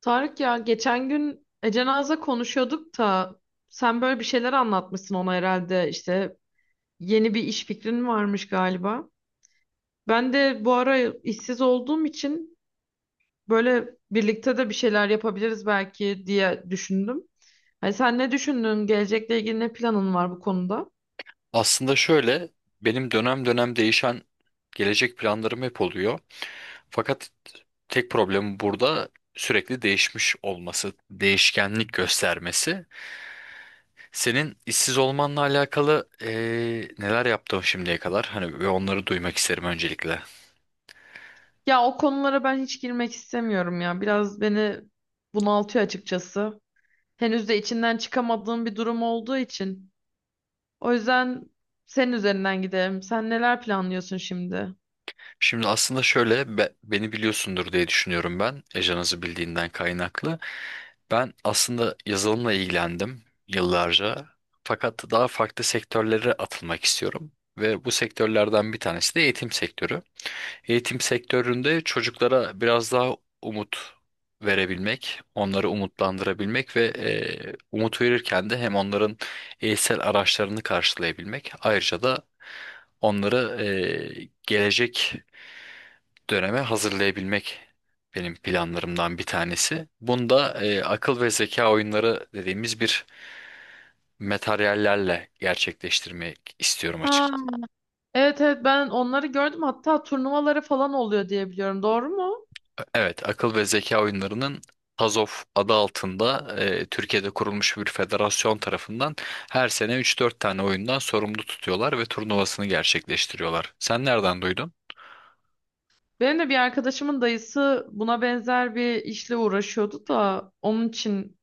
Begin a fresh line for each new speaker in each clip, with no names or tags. Tarık, ya geçen gün Ece Naz'la konuşuyorduk da sen böyle bir şeyler anlatmışsın ona herhalde, işte yeni bir iş fikrin varmış galiba. Ben de bu ara işsiz olduğum için böyle birlikte de bir şeyler yapabiliriz belki diye düşündüm. Hani sen ne düşündün? Gelecekle ilgili ne planın var bu konuda?
Aslında şöyle, benim dönem dönem değişen gelecek planlarım hep oluyor. Fakat tek problemi burada sürekli değişmiş olması, değişkenlik göstermesi. Senin işsiz olmanla alakalı neler yaptın şimdiye kadar? Hani ve onları duymak isterim öncelikle.
Ya o konulara ben hiç girmek istemiyorum ya. Biraz beni bunaltıyor açıkçası. Henüz de içinden çıkamadığım bir durum olduğu için. O yüzden senin üzerinden gidelim. Sen neler planlıyorsun şimdi?
Şimdi aslında şöyle beni biliyorsundur diye düşünüyorum ben. Ejanızı bildiğinden kaynaklı. Ben aslında yazılımla ilgilendim yıllarca. Fakat daha farklı sektörlere atılmak istiyorum. Ve bu sektörlerden bir tanesi de eğitim sektörü. Eğitim sektöründe çocuklara biraz daha umut verebilmek, onları umutlandırabilmek ve umut verirken de hem onların eğitsel araçlarını karşılayabilmek, ayrıca da onları gelecek döneme hazırlayabilmek benim planlarımdan bir tanesi. Bunda akıl ve zeka oyunları dediğimiz bir materyallerle gerçekleştirmek istiyorum
Ha,
açıkçası.
evet evet, ben onları gördüm. Hatta turnuvaları falan oluyor diye biliyorum. Doğru mu?
Evet, akıl ve zeka oyunlarının TASOF adı altında Türkiye'de kurulmuş bir federasyon tarafından her sene üç dört tane oyundan sorumlu tutuyorlar ve turnuvasını gerçekleştiriyorlar. Sen nereden duydun?
Benim de bir arkadaşımın dayısı buna benzer bir işle uğraşıyordu da onun için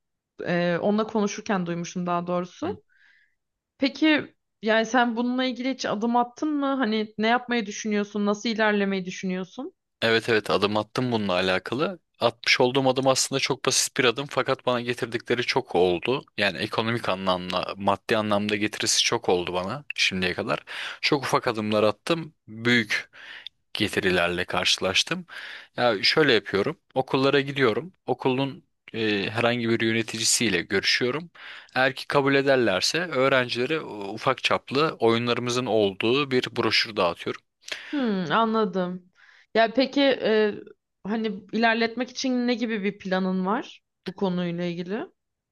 onunla konuşurken duymuştum daha doğrusu. Peki, yani sen bununla ilgili hiç adım attın mı? Hani ne yapmayı düşünüyorsun? Nasıl ilerlemeyi düşünüyorsun?
Evet, evet, adım attım bununla alakalı. Atmış olduğum adım aslında çok basit bir adım, fakat bana getirdikleri çok oldu. Yani ekonomik anlamda, maddi anlamda getirisi çok oldu bana şimdiye kadar. Çok ufak adımlar attım, büyük getirilerle karşılaştım. Ya şöyle yapıyorum, okullara gidiyorum, okulun herhangi bir yöneticisiyle görüşüyorum. Eğer ki kabul ederlerse öğrencilere ufak çaplı oyunlarımızın olduğu bir broşür dağıtıyorum.
Hmm, anladım. Ya peki, hani ilerletmek için ne gibi bir planın var bu konuyla ilgili?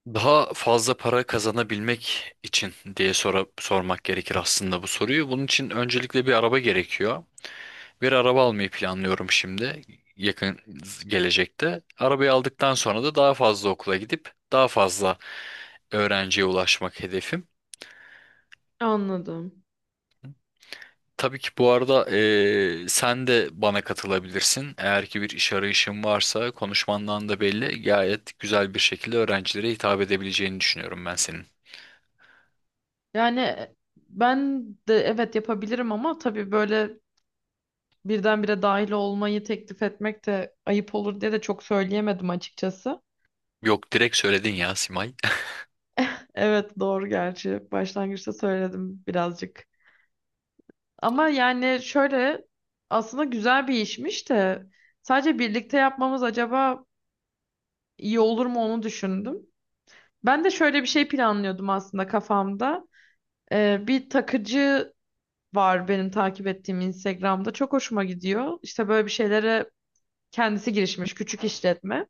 Daha fazla para kazanabilmek için diye sormak gerekir aslında bu soruyu. Bunun için öncelikle bir araba gerekiyor. Bir araba almayı planlıyorum şimdi yakın gelecekte. Arabayı aldıktan sonra da daha fazla okula gidip daha fazla öğrenciye ulaşmak hedefim.
Anladım.
Tabii ki bu arada sen de bana katılabilirsin. Eğer ki bir iş arayışın varsa konuşmandan da belli, gayet güzel bir şekilde öğrencilere hitap edebileceğini düşünüyorum ben senin.
Yani ben de evet yapabilirim ama tabii böyle birdenbire dahil olmayı teklif etmek de ayıp olur diye de çok söyleyemedim açıkçası.
Yok, direkt söyledin ya Simay.
Evet doğru, gerçi başlangıçta söyledim birazcık. Ama yani şöyle, aslında güzel bir işmiş de sadece birlikte yapmamız acaba iyi olur mu onu düşündüm. Ben de şöyle bir şey planlıyordum aslında kafamda. Bir takıcı var benim takip ettiğim Instagram'da. Çok hoşuma gidiyor. İşte böyle bir şeylere kendisi girişmiş, küçük işletme.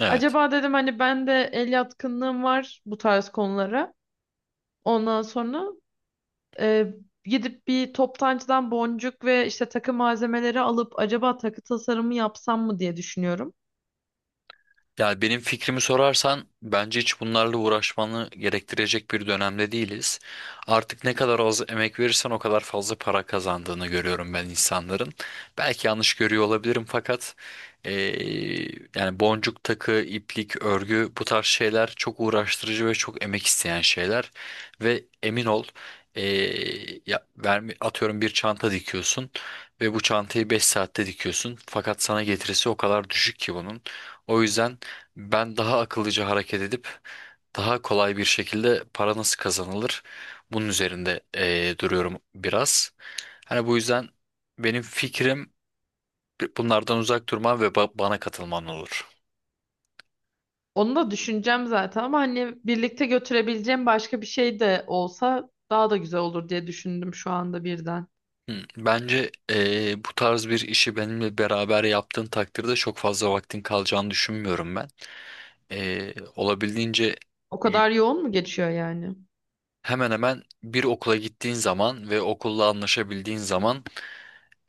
Evet.
Acaba dedim, hani ben de el yatkınlığım var bu tarz konulara. Ondan sonra e, gidip bir toptancıdan boncuk ve işte takı malzemeleri alıp acaba takı tasarımı yapsam mı diye düşünüyorum.
Yani benim fikrimi sorarsan bence hiç bunlarla uğraşmanı gerektirecek bir dönemde değiliz. Artık ne kadar az emek verirsen o kadar fazla para kazandığını görüyorum ben insanların. Belki yanlış görüyor olabilirim, fakat eee, yani boncuk takı, iplik, örgü bu tarz şeyler çok uğraştırıcı ve çok emek isteyen şeyler. Ve emin ol, atıyorum, bir çanta dikiyorsun ve bu çantayı 5 saatte dikiyorsun. Fakat sana getirisi o kadar düşük ki bunun. O yüzden ben daha akıllıca hareket edip daha kolay bir şekilde para nasıl kazanılır bunun üzerinde duruyorum biraz. Hani bu yüzden benim fikrim bunlardan uzak durman ve bana katılman olur.
Onu da düşüneceğim zaten ama hani birlikte götürebileceğim başka bir şey de olsa daha da güzel olur diye düşündüm şu anda birden.
Hı, bence bu tarz bir işi benimle beraber yaptığın takdirde çok fazla vaktin kalacağını düşünmüyorum ben. Olabildiğince
O
y-
kadar yoğun mu geçiyor yani?
hemen hemen bir okula gittiğin zaman ve okulla anlaşabildiğin zaman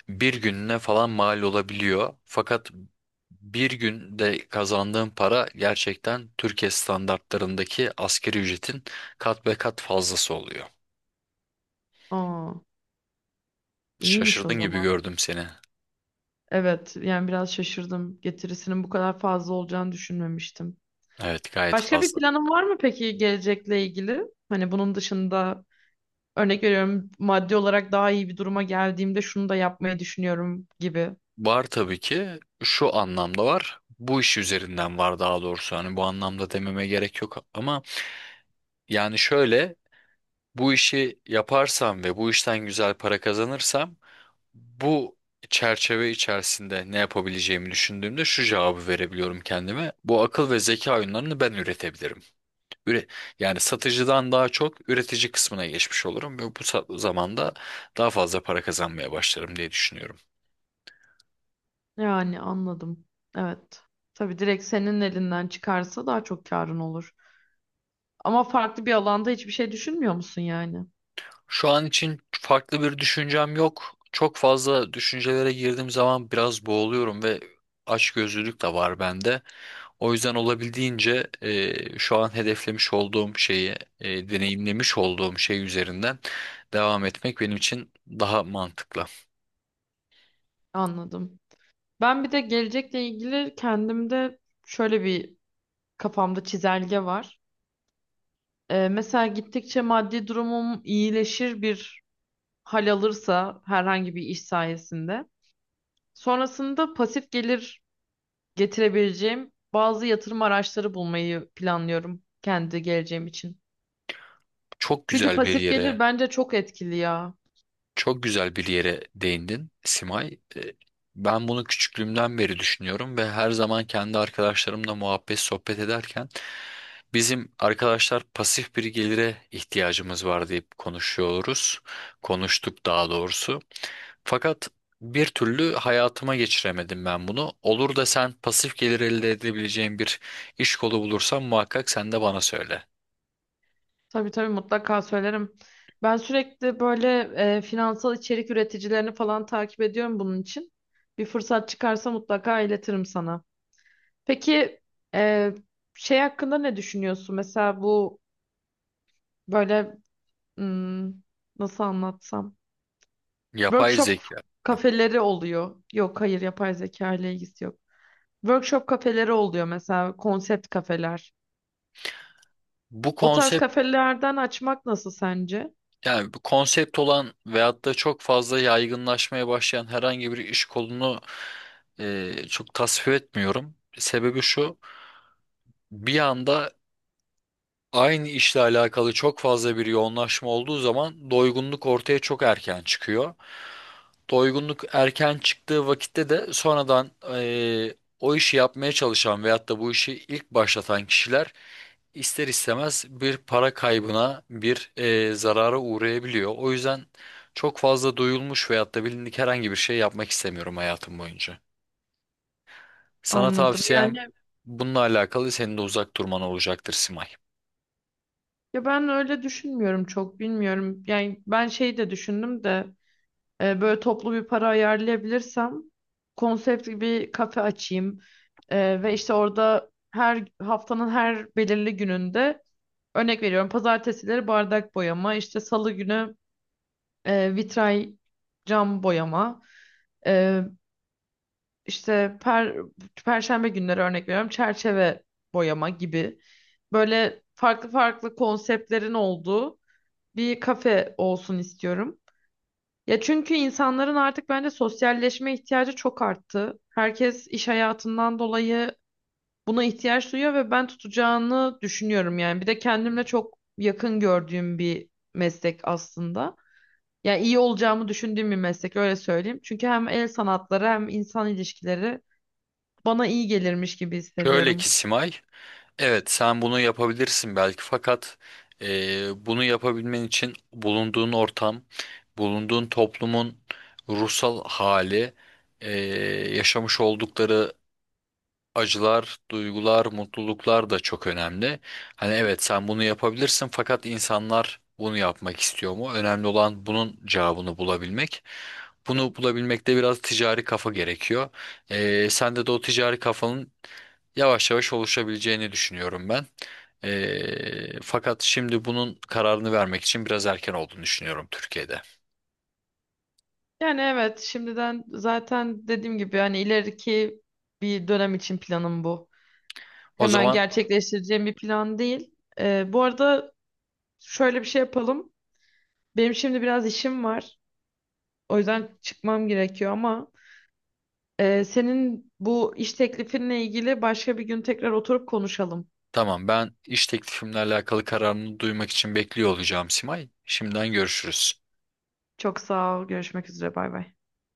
bir gününe falan mal olabiliyor. Fakat bir günde kazandığın para gerçekten Türkiye standartlarındaki asgari ücretin kat be kat fazlası oluyor.
Aa, iyiymiş o
Şaşırdın gibi
zaman.
gördüm seni.
Evet, yani biraz şaşırdım. Getirisinin bu kadar fazla olacağını düşünmemiştim.
Evet, gayet
Başka bir
fazla.
planın var mı peki gelecekle ilgili? Hani bunun dışında örnek veriyorum, maddi olarak daha iyi bir duruma geldiğimde şunu da yapmayı düşünüyorum gibi.
Var tabii ki, şu anlamda var. Bu iş üzerinden var daha doğrusu. Hani bu anlamda dememe gerek yok ama yani şöyle, bu işi yaparsam ve bu işten güzel para kazanırsam bu çerçeve içerisinde ne yapabileceğimi düşündüğümde şu cevabı verebiliyorum kendime. Bu akıl ve zeka oyunlarını ben üretebilirim. Üre- Yani satıcıdan daha çok üretici kısmına geçmiş olurum ve bu zamanda daha fazla para kazanmaya başlarım diye düşünüyorum.
Yani anladım. Evet. Tabii direkt senin elinden çıkarsa daha çok karın olur. Ama farklı bir alanda hiçbir şey düşünmüyor musun yani?
Şu an için farklı bir düşüncem yok. Çok fazla düşüncelere girdiğim zaman biraz boğuluyorum ve açgözlülük de var bende. O yüzden olabildiğince şu an hedeflemiş olduğum şeyi, deneyimlemiş olduğum şey üzerinden devam etmek benim için daha mantıklı.
Anladım. Ben bir de gelecekle ilgili kendimde şöyle bir, kafamda çizelge var. Mesela gittikçe maddi durumum iyileşir bir hal alırsa herhangi bir iş sayesinde. Sonrasında pasif gelir getirebileceğim bazı yatırım araçları bulmayı planlıyorum kendi geleceğim için.
Çok
Çünkü
güzel bir
pasif gelir
yere
bence çok etkili ya.
çok güzel bir yere değindin Simay. Ben bunu küçüklüğümden beri düşünüyorum ve her zaman kendi arkadaşlarımla muhabbet sohbet ederken bizim arkadaşlar pasif bir gelire ihtiyacımız var deyip konuşuyoruz. Konuştuk daha doğrusu. Fakat bir türlü hayatıma geçiremedim ben bunu. Olur da sen pasif gelir elde edebileceğin bir iş kolu bulursan muhakkak sen de bana söyle.
Tabii tabii mutlaka söylerim. Ben sürekli böyle finansal içerik üreticilerini falan takip ediyorum bunun için. Bir fırsat çıkarsa mutlaka iletirim sana. Peki e, şey hakkında ne düşünüyorsun? Mesela bu böyle, hmm, nasıl anlatsam?
Yapay
Workshop
zeka.
kafeleri oluyor. Yok, hayır, yapay zeka ile ilgisi yok. Workshop kafeleri oluyor mesela, konsept kafeler.
Bu
O tarz
konsept,
kafelerden açmak nasıl sence?
yani bu konsept olan veyahut da çok fazla yaygınlaşmaya başlayan herhangi bir iş kolunu çok tasvip etmiyorum. Sebebi şu, bir anda aynı işle alakalı çok fazla bir yoğunlaşma olduğu zaman doygunluk ortaya çok erken çıkıyor, doygunluk erken çıktığı vakitte de sonradan o işi yapmaya çalışan veyahut da bu işi ilk başlatan kişiler ister istemez bir para kaybına, bir zarara uğrayabiliyor. O yüzden çok fazla duyulmuş veyahut da bilindik herhangi bir şey yapmak istemiyorum hayatım boyunca. Sana
Anladım. Yani
tavsiyem bununla alakalı senin de uzak durman olacaktır Simay.
ya ben öyle düşünmüyorum, çok bilmiyorum. Yani ben şey de düşündüm de, böyle toplu bir para ayarlayabilirsem konsept bir kafe açayım. E, ve işte orada her haftanın her belirli gününde örnek veriyorum, pazartesileri bardak boyama, işte salı günü vitray cam boyama, e, işte per, perşembe günleri örnek veriyorum çerçeve boyama gibi böyle farklı farklı konseptlerin olduğu bir kafe olsun istiyorum. Ya çünkü insanların artık bence sosyalleşme ihtiyacı çok arttı. Herkes iş hayatından dolayı buna ihtiyaç duyuyor ve ben tutacağını düşünüyorum yani. Bir de kendimle çok yakın gördüğüm bir meslek aslında. Yani iyi olacağımı düşündüğüm bir meslek, öyle söyleyeyim. Çünkü hem el sanatları hem insan ilişkileri bana iyi gelirmiş gibi
Şöyle ki
hissediyorum.
Simay, evet, sen bunu yapabilirsin belki, fakat bunu yapabilmen için bulunduğun ortam, bulunduğun toplumun ruhsal hali, yaşamış oldukları acılar, duygular, mutluluklar da çok önemli. Hani evet, sen bunu yapabilirsin fakat insanlar bunu yapmak istiyor mu? Önemli olan bunun cevabını bulabilmek. Bunu bulabilmekte biraz ticari kafa gerekiyor. Sende de o ticari kafanın yavaş yavaş oluşabileceğini düşünüyorum ben. Fakat şimdi bunun kararını vermek için biraz erken olduğunu düşünüyorum Türkiye'de.
Yani evet, şimdiden zaten dediğim gibi hani ileriki bir dönem için planım bu.
O
Hemen
zaman,
gerçekleştireceğim bir plan değil. Bu arada şöyle bir şey yapalım. Benim şimdi biraz işim var. O yüzden çıkmam gerekiyor ama senin bu iş teklifinle ilgili başka bir gün tekrar oturup konuşalım.
tamam, ben iş teklifimle alakalı kararını duymak için bekliyor olacağım Simay. Şimdiden görüşürüz.
Çok sağ ol. Görüşmek üzere. Bay bay.